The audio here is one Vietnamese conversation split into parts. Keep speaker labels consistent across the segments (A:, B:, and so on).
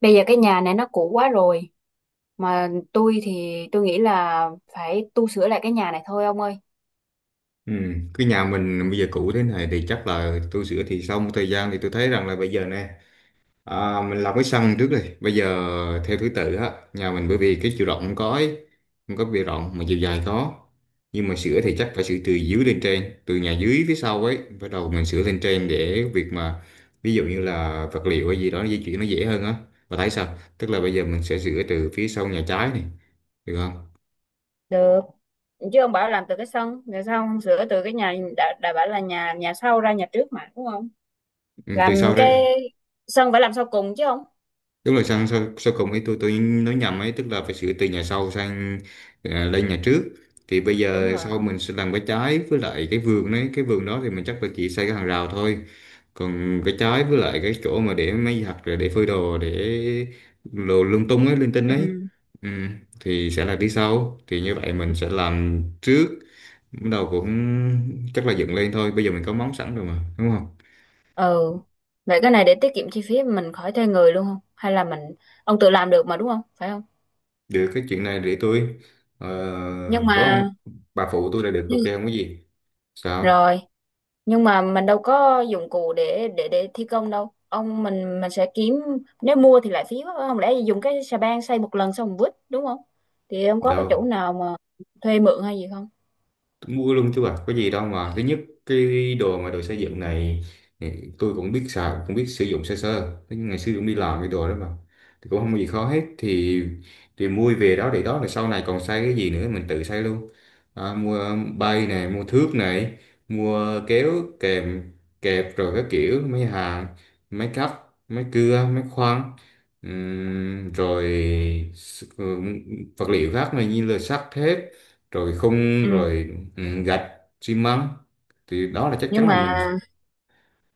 A: Bây giờ cái nhà này nó cũ quá rồi. Mà tôi thì tôi nghĩ là phải tu sửa lại cái nhà này thôi ông ơi.
B: Ừ, cái nhà mình bây giờ cũ thế này thì chắc là tôi sửa, thì sau một thời gian thì tôi thấy rằng là bây giờ nè, à, mình làm cái sân trước đi. Bây giờ theo thứ tự á, nhà mình bởi vì cái chiều rộng không có ấy, không có bề rộng mà chiều dài có. Nhưng mà sửa thì chắc phải sửa từ dưới lên trên, từ nhà dưới phía sau ấy bắt đầu mình sửa lên trên, để việc mà ví dụ như là vật liệu hay gì đó di chuyển nó dễ hơn á. Và thấy sao, tức là bây giờ mình sẽ sửa từ phía sau nhà trái này, được không?
A: Được, chứ ông bảo làm từ cái sân, rồi sao ông sửa từ cái nhà đã bảo là nhà nhà sau ra nhà trước mà đúng không?
B: Ừ, từ
A: Làm
B: sau đấy.
A: cái sân phải làm sau cùng chứ không?
B: Đúng là sang sau, sau cùng ấy, tôi nói nhầm ấy, tức là phải sửa từ nhà sau sang lên nhà trước. Thì bây
A: Đúng
B: giờ sau
A: rồi.
B: mình sẽ làm cái trái, với lại cái vườn đấy, cái vườn đó thì mình chắc là chỉ xây cái hàng rào thôi. Còn cái trái với lại cái chỗ mà để máy giặt, rồi để phơi đồ, để đồ lung tung ấy, linh tinh ấy.
A: Ừ.
B: Ừ, thì sẽ là đi sau, thì như vậy mình sẽ làm trước, bắt đầu cũng chắc là dựng lên thôi. Bây giờ mình có móng sẵn rồi mà, đúng không?
A: Ừ. Vậy cái này để tiết kiệm chi phí mình khỏi thuê người luôn không? Hay là mình ông tự làm được mà đúng không? Phải không?
B: Được, cái chuyện này để tôi ờ,
A: Nhưng
B: có không,
A: mà
B: bà phụ tôi là được, ok,
A: nhưng-
B: không có gì. Sao
A: rồi nhưng mà mình đâu có dụng cụ để thi công đâu ông. Mình sẽ kiếm, nếu mua thì lại phí quá. Không lẽ dùng cái xà beng xây một lần xong mình vứt, đúng không? Thì ông có cái chỗ
B: đâu,
A: nào mà thuê mượn hay gì không?
B: tôi mua luôn chứ bà, có gì đâu mà. Thứ nhất, cái đồ mà đồ xây dựng này thì tôi cũng biết xài, cũng biết sử dụng sơ sơ. Thế nhưng ngày xưa cũng đi làm cái đồ đó mà, thì cũng không có gì khó hết. Thì mua về đó để đó, là sau này còn xây cái gì nữa mình tự xây luôn. À, mua bay này, mua thước này, mua kéo kèm kẹp, rồi các kiểu máy hàng, máy cắt, máy cưa, máy khoan. Rồi s- ừ, vật liệu khác này như là sắt thép, rồi khung,
A: Ừ.
B: rồi ừ, gạch, xi măng. Thì đó là chắc
A: Nhưng
B: chắn là
A: mà
B: mình.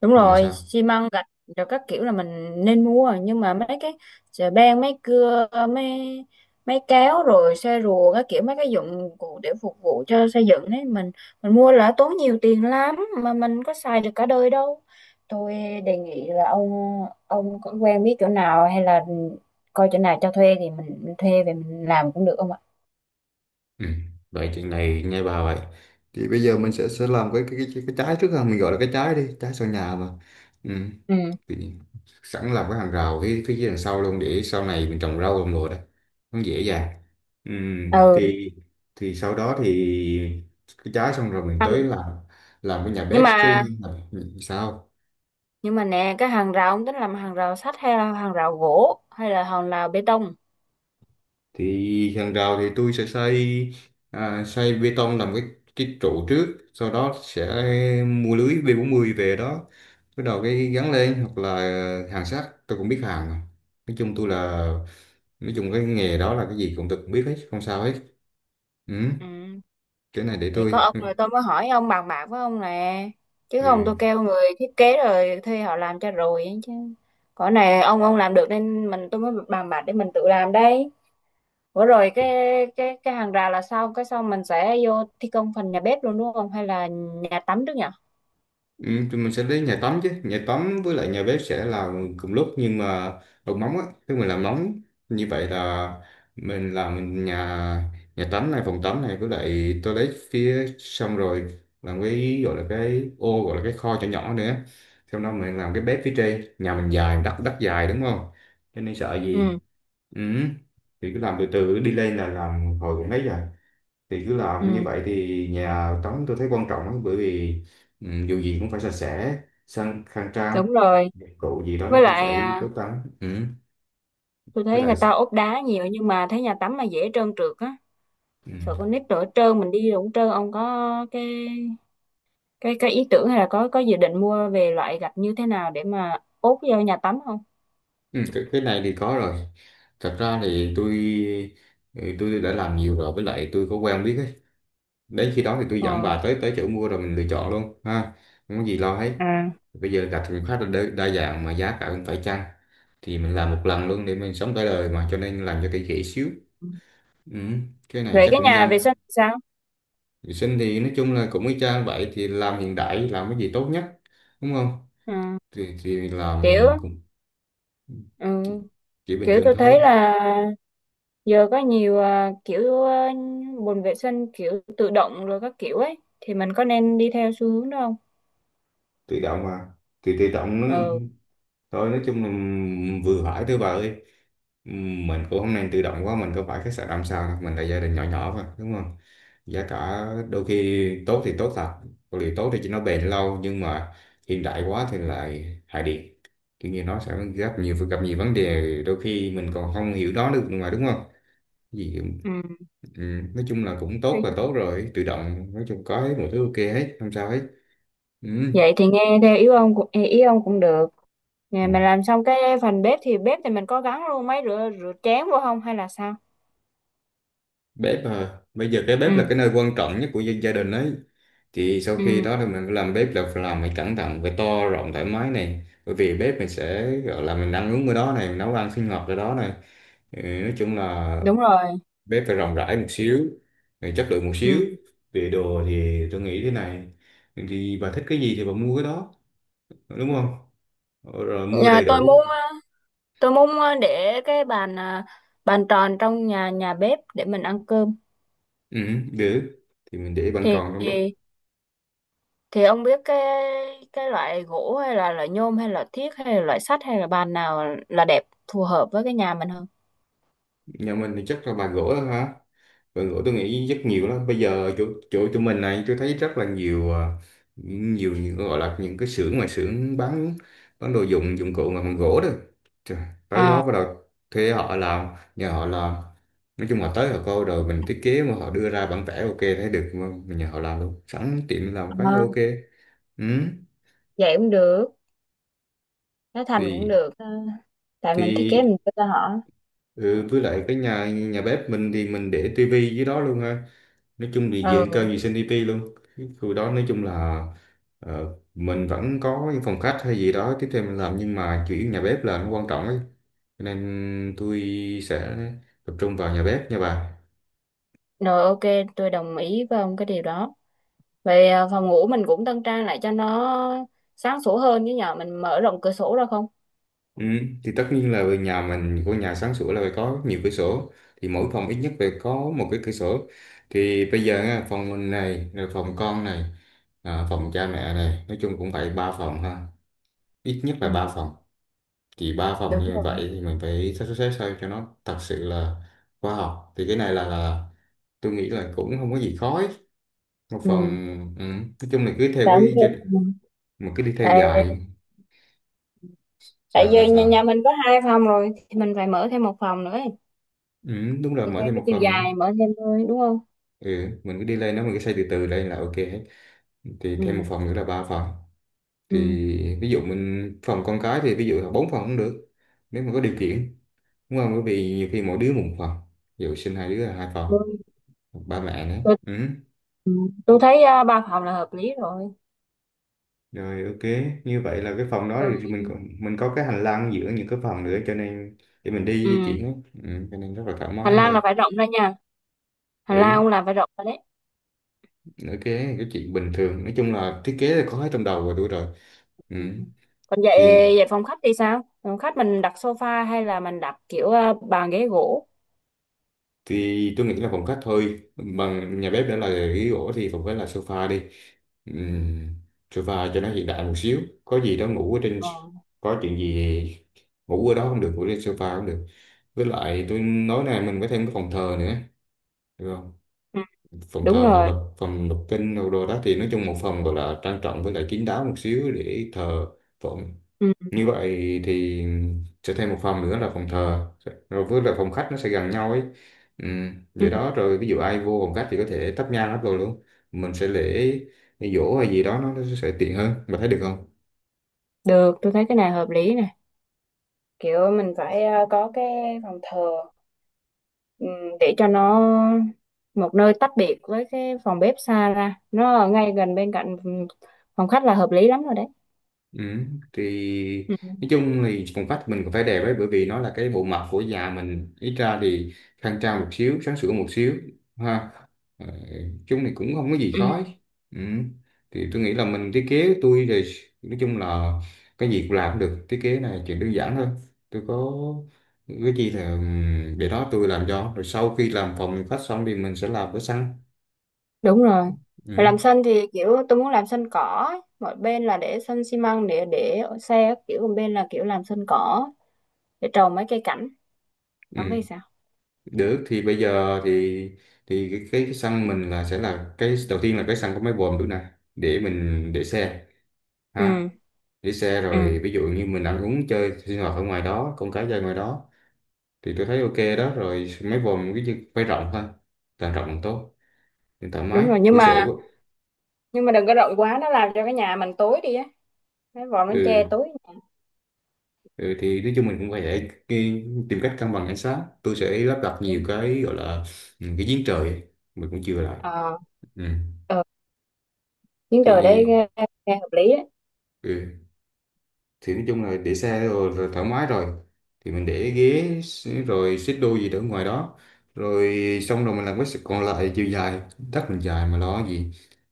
A: đúng
B: Nhưng mà
A: rồi,
B: sao?
A: xi măng gạch rồi các kiểu là mình nên mua rồi. Nhưng mà mấy cái chà beng, mấy cưa, mấy mấy kéo, rồi xe rùa các kiểu, mấy cái dụng cụ để phục vụ cho xây dựng đấy, mình mua là tốn nhiều tiền lắm, mà mình có xài được cả đời đâu. Tôi đề nghị là ông có quen biết chỗ nào hay là coi chỗ nào cho thuê thì mình thuê về mình làm cũng được không ạ?
B: Ừ. Vậy chuyện này nghe bà vậy, thì bây giờ mình sẽ làm cái trái trước ha, mình gọi là cái trái đi, trái sau nhà mà. Ừ.
A: Ừ.
B: Thì sẵn làm cái hàng rào phía phía dưới đằng sau luôn, để sau này mình trồng rau, trồng đồ đấy nó dễ dàng. Ừ.
A: Ừ.
B: thì thì sau đó thì cái trái xong rồi mình tới
A: Hàng-
B: làm cái nhà
A: nhưng
B: bếp với.
A: mà
B: Sao?
A: nhưng mà nè, cái hàng rào ông tính làm hàng rào sắt hay là hàng rào gỗ hay là hàng rào bê tông?
B: Thì hàng rào thì tôi sẽ xây, à, xây bê tông, làm cái trụ trước, sau đó sẽ mua lưới b mươi về đó, bắt đầu cái gắn lên, hoặc là hàng sắt tôi cũng biết hàng mà. Nói chung tôi là, nói chung cái nghề đó là cái gì cũng tôi cũng biết hết, không sao hết. Ừ,
A: Ừ.
B: cái này để
A: Thì có
B: tôi
A: ông rồi tôi mới hỏi ông, bàn bạc với ông nè, chứ
B: ừ.
A: không tôi kêu người thiết kế rồi thuê họ làm cho rồi ấy chứ. Cõi này ông làm được nên tôi mới bàn bạc để mình tự làm đây. Bữa rồi cái hàng rào là sao, cái sau mình sẽ vô thi công phần nhà bếp luôn đúng không, hay là nhà tắm trước nhỉ?
B: Ừ, tụi mình sẽ đến nhà tắm chứ, nhà tắm với lại nhà bếp sẽ là cùng lúc, nhưng mà bằng móng á, khi mình làm móng như vậy, là mình làm nhà nhà tắm này, phòng tắm này với lại toilet phía xong rồi, làm cái gọi là cái ô, gọi là cái kho nhỏ nhỏ nữa. Sau đó mình làm cái bếp phía trên, nhà mình dài, đất đất dài, đúng không? Cho nên sợ gì.
A: Ừ.
B: Ừ. Thì cứ làm từ từ đi lên, là làm hồi cũng thấy rồi. Thì cứ làm
A: Ừ.
B: như vậy, thì nhà tắm tôi thấy quan trọng lắm, bởi vì ừ, dù gì cũng phải sạch sẽ, sang, khang trang,
A: Đúng rồi.
B: dụng cụ gì đó
A: Với
B: nó cũng
A: lại
B: phải
A: à,
B: tốt lắm. Ừ.
A: tôi
B: Với
A: thấy
B: lại
A: người ta ốp đá nhiều nhưng mà thấy nhà tắm là dễ trơn trượt á.
B: ừ.
A: Sợ con nít đổ trơn, mình đi đổ trơn, ông có cái ý tưởng hay là có dự định mua về loại gạch như thế nào để mà ốp vô nhà tắm không?
B: Ừ, cái này thì có rồi. Thật ra thì tôi ừ, tôi đã làm nhiều rồi, với lại tôi có quen biết ấy. Đến khi đó thì tôi dẫn
A: Ờ.
B: bà tới tới chỗ mua, rồi mình lựa chọn luôn ha. Không có gì lo hết.
A: À,
B: Bây giờ gạch cũng khá là đa dạng, mà giá cả cũng phải chăng. Thì mình làm một lần luôn để mình sống cả đời mà, cho nên làm cho kỹ kỹ xíu. Ừ, cái này
A: về
B: chắc
A: cái
B: cũng
A: nhà vệ
B: nhanh.
A: sinh thì sao?
B: Vệ sinh thì nói chung là cũng y chang vậy, thì làm hiện đại, làm cái gì tốt nhất, đúng không?
A: Ừ.
B: Thì làm
A: Kiểu
B: cũng
A: ừ.
B: chỉ, chỉ bình
A: Kiểu
B: thường
A: tôi
B: thôi.
A: thấy là giờ có nhiều à, kiểu à, bồn vệ sinh kiểu tự động rồi các kiểu ấy thì mình có nên đi theo xu hướng đó không?
B: Tự động mà. Thì tự động nó
A: Ừ.
B: thôi, nói chung là vừa hỏi thôi bà ơi. Mình cũng không nên tự động quá, mình có phải khách sạn 5 sao đâu, mình là gia đình nhỏ nhỏ mà, đúng không? Giá cả đôi khi tốt thì tốt thật, có điều tốt thì chỉ nó bền lâu, nhưng mà hiện đại quá thì lại hại điện, kiểu như nó sẽ gặp nhiều vấn đề, đôi khi mình còn không hiểu nó được mà, đúng không gì?
A: Ừ.
B: Ừ, nói chung là cũng tốt là
A: Thì-
B: tốt rồi, tự động nói chung có hết mọi thứ, ok hết, không sao hết. Ừ.
A: vậy thì nghe theo ý ông cũng được. Nè,
B: Ừ.
A: mình làm xong cái phần bếp thì mình có gắn luôn máy rửa rửa chén vô không hay là sao?
B: Bếp à, bây giờ cái
A: Ừ.
B: bếp là cái nơi quan trọng nhất của dân gia đình ấy. Thì sau khi
A: Ừ.
B: đó thì mình làm bếp, là phải làm phải cẩn thận, phải to rộng thoải mái này, bởi vì bếp mình sẽ gọi là mình ăn uống ở đó này, mình nấu ăn sinh hoạt ở đó này. Ừ, nói chung là
A: Đúng rồi.
B: bếp phải rộng rãi một xíu, rồi chất lượng một xíu.
A: Ừ.
B: Về đồ thì tôi nghĩ thế này, thì bà thích cái gì thì bà mua cái đó, đúng không, rồi mua
A: Nhà
B: đầy
A: tôi
B: đủ.
A: muốn tôi muốn để cái bàn tròn trong nhà nhà bếp để mình ăn cơm.
B: Ừ, được, thì mình để bàn
A: thì
B: tròn trong đó.
A: thì thì ông biết cái loại gỗ hay là loại nhôm hay là thiếc hay là loại sắt hay là bàn nào là đẹp phù hợp với cái nhà mình không?
B: Nhà mình thì chắc là bàn gỗ thôi hả. Đội ngũ tôi nghĩ rất nhiều lắm. Bây giờ chỗ tụi mình này tôi thấy rất là nhiều, à, nhiều những gọi là những cái xưởng, mà xưởng bán đồ dụng dụng cụ mà bằng gỗ đó. Trời, tới đó
A: À,
B: bắt đầu thuê họ làm, nhờ họ làm. Nói chung là tới họ coi, rồi mình thiết kế mà họ đưa ra bản vẽ, ok, thấy được mà mình nhờ họ làm luôn. Sẵn tiện làm cái
A: à,
B: ok. Ừ.
A: vậy cũng được, nó thành cũng
B: Thì
A: được. Ờ, tại mình thiết kế mình
B: thì
A: cho ra họ.
B: ừ, với lại cái nhà nhà bếp mình thì mình để tivi dưới đó luôn ha. Nói chung thì diện cao
A: Ừ,
B: gì CDP luôn, cái khu đó nói chung là ờ, mình vẫn có những phòng khách hay gì đó tiếp theo mình làm, nhưng mà chủ yếu nhà bếp là nó quan trọng ấy, cho nên tôi sẽ tập trung vào nhà bếp nha bà.
A: rồi ok, tôi đồng ý với ông cái điều đó. Vậy phòng ngủ mình cũng tân trang lại cho nó sáng sủa hơn, chứ nhờ mình mở rộng cửa sổ ra không?
B: Ừ, thì tất nhiên là về nhà mình, của nhà sáng sủa là phải có nhiều cửa sổ, thì mỗi phòng ít nhất phải có một cái cửa sổ. Thì bây giờ á, phòng mình này, rồi phòng con này, à, phòng cha mẹ này, nói chung cũng phải 3 phòng ha, ít nhất là
A: Ừ.
B: ba phòng. Thì ba phòng
A: Đúng
B: như
A: rồi.
B: vậy thì mình phải sắp xếp sao cho nó thật sự là khoa học. Thì cái này là tôi nghĩ là cũng không có gì khó ấy. Một phần
A: Ừ.
B: ừ, nói chung là cứ theo
A: Tại không
B: cái gia,
A: thêm. Ừ.
B: mình cứ đi theo
A: tại
B: dài.
A: tại
B: Sao
A: giờ
B: sao
A: nhà
B: sao?
A: mình có hai phòng rồi thì mình phải mở thêm một phòng nữa ấy.
B: Ừ, đúng là
A: Thì
B: mở
A: theo
B: thêm
A: cái
B: một
A: chiều
B: phòng nữa.
A: dài mở thêm thôi đúng không?
B: Ừ, mình cứ đi lên đó, mình cứ xây từ từ lên là ok hết. Thì thêm một
A: Ừ.
B: phòng nữa là ba phòng. Thì
A: Ừ.
B: ví dụ mình phòng con cái thì ví dụ là 4 phòng cũng được, nếu mà có điều kiện, đúng không, bởi vì nhiều khi mỗi đứa một phòng, ví dụ sinh 2 đứa là 2 phòng,
A: tôi,
B: ba mẹ nữa.
A: tôi,
B: Ừ.
A: tôi thấy à, ba phòng là hợp lý rồi.
B: Rồi ok, như vậy là cái phòng đó
A: Rồi.
B: thì mình còn, mình có cái hành lang giữa những cái phòng nữa, cho nên để mình đi di
A: Ừ.
B: chuyển á. Ừ, cho nên rất là thoải
A: Hành
B: mái
A: lang
B: thôi.
A: là phải rộng ra nha, hành
B: Ừ,
A: lang cũng là phải rộng ra đấy.
B: ok, cái chuyện bình thường. Nói chung là thiết kế là có hết trong đầu rồi tôi rồi. Ừ.
A: Ừ. Còn vậy
B: Thì
A: vậy phòng khách thì sao, phòng khách mình đặt sofa hay là mình đặt kiểu à, bàn ghế gỗ?
B: thì tôi nghĩ là phòng khách thôi. Bằng nhà bếp đã là ghế gỗ thì phòng khách là sofa đi. Ừ, sofa cho nó hiện đại một xíu. Có gì đó ngủ ở trên,
A: Ờ.
B: có chuyện gì ngủ ở đó không được, ngủ trên sofa cũng được. Với lại tôi nói này, mình có thêm cái phòng thờ nữa, được không?
A: Ừ.
B: Phòng
A: Đúng
B: thờ,
A: rồi.
B: phòng đọc kinh đồ đồ đó thì nói chung một phòng gọi là trang trọng, với lại kín đáo một xíu để thờ phụng.
A: Ừ.
B: Như vậy thì sẽ thêm một phòng nữa là phòng thờ, rồi với lại phòng khách nó sẽ gần nhau ấy. Ừ,
A: Ừ.
B: vậy đó. Rồi ví dụ ai vô phòng khách thì có thể thắp nhang hết rồi luôn, mình sẽ lễ giỗ hay gì đó, nó sẽ tiện hơn mà, thấy được không?
A: Được, tôi thấy cái này hợp lý nè. Kiểu mình phải có cái phòng thờ, ừm, để cho nó một nơi tách biệt với cái phòng bếp, xa ra nó ở ngay gần bên cạnh, phòng khách là hợp lý lắm rồi đấy.
B: Ừ, thì
A: Ừ.
B: nói chung thì phòng khách mình cũng phải đẹp ấy, bởi vì nó là cái bộ mặt của già mình, ít ra thì khang trang một xíu, sáng sủa một xíu ha. Ờ, chung thì cũng không có gì
A: Ừ,
B: khó. Ừ. Thì tôi nghĩ là mình thiết kế tôi thì nói chung là cái gì cũng làm được, thiết kế này chuyện đơn giản thôi. Tôi có cái gì là để đó tôi làm cho. Rồi sau khi làm phòng khách xong thì mình sẽ làm cái sân.
A: đúng rồi. Mà
B: Ừ.
A: làm sân thì kiểu tôi muốn làm sân cỏ ấy. Một bên là để sân xi măng để xe các kiểu, một bên là kiểu làm sân cỏ để trồng mấy cây cảnh, ông
B: Ừ,
A: thấy sao?
B: được. Thì bây giờ thì cái sân mình là sẽ là cái đầu tiên, là cái sân có máy bồn được nè, để mình để xe ha,
A: Ừ.
B: để xe
A: Ừ.
B: rồi ví dụ như mình ăn uống chơi sinh hoạt ở ngoài đó, con cái chơi ngoài đó. Thì tôi thấy ok đó rồi mấy vòm cái gì phải rộng thôi, càng rộng càng tốt, càng thoải
A: Đúng
B: mái
A: rồi. Nhưng
B: cửa
A: mà
B: sổ.
A: đừng có rộng quá nó làm cho cái nhà mình tối đi á, cái vòm nó che
B: Ừ,
A: tối nhà.
B: ừ, thì nói chung mình cũng phải tìm cách cân bằng ánh sáng. Tôi sẽ lắp đặt nhiều
A: Đúng.
B: cái gọi là ừ, cái giếng trời ấy. Mình cũng chưa lại
A: Ờ.
B: ừ.
A: Ờ. Chuyến trời đấy
B: Thì
A: nghe, nghe hợp lý đấy.
B: ừ. Thì nói chung là để xe rồi, rồi thoải mái rồi, thì mình để ghế rồi xích đu gì đó ngoài đó, rồi xong rồi mình làm cái sự còn lại chiều dài, đất mình dài mà lo gì.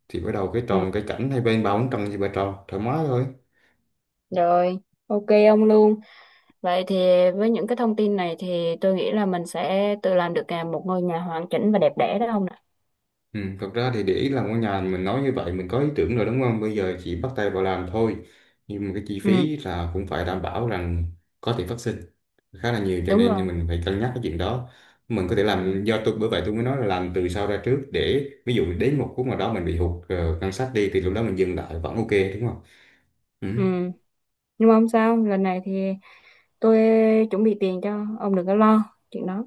B: Thì bắt đầu cái
A: Ừ,
B: trồng cái cảnh hai bên, bao bốn trăm gì ba tròn thoải mái thôi.
A: rồi, ok ông luôn. Vậy thì với những cái thông tin này thì tôi nghĩ là mình sẽ tự làm được à, một ngôi nhà hoàn chỉnh và đẹp đẽ đó ông ạ.
B: Ừ, thật ra thì để ý làm ngôi nhà mình nói như vậy mình có ý tưởng rồi, đúng không? Bây giờ chỉ bắt tay vào làm thôi. Nhưng mà cái chi
A: Ừ,
B: phí là cũng phải đảm bảo rằng có thể phát sinh khá là nhiều, cho
A: đúng rồi.
B: nên mình phải cân nhắc cái chuyện đó. Mình có thể
A: Ừ.
B: làm do tôi, bởi vậy tôi mới nói là làm từ sau ra trước, để ví dụ đến một khúc nào đó mình bị hụt ngân sách đi, thì lúc đó mình dừng lại vẫn ok, đúng không? Ừ.
A: Ừ. Nhưng mà không sao, lần này thì tôi chuẩn bị tiền cho ông đừng có lo chuyện đó.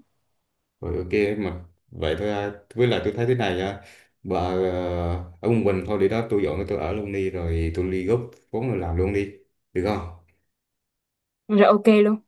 B: Rồi ok mà, vậy thôi à. Với lại tôi thấy thế này à. Bà ở quận Bình thôi, để đó tôi dọn tôi ở luôn đi, rồi tôi ly gốc vốn rồi làm luôn đi, được không?
A: Rồi ok luôn.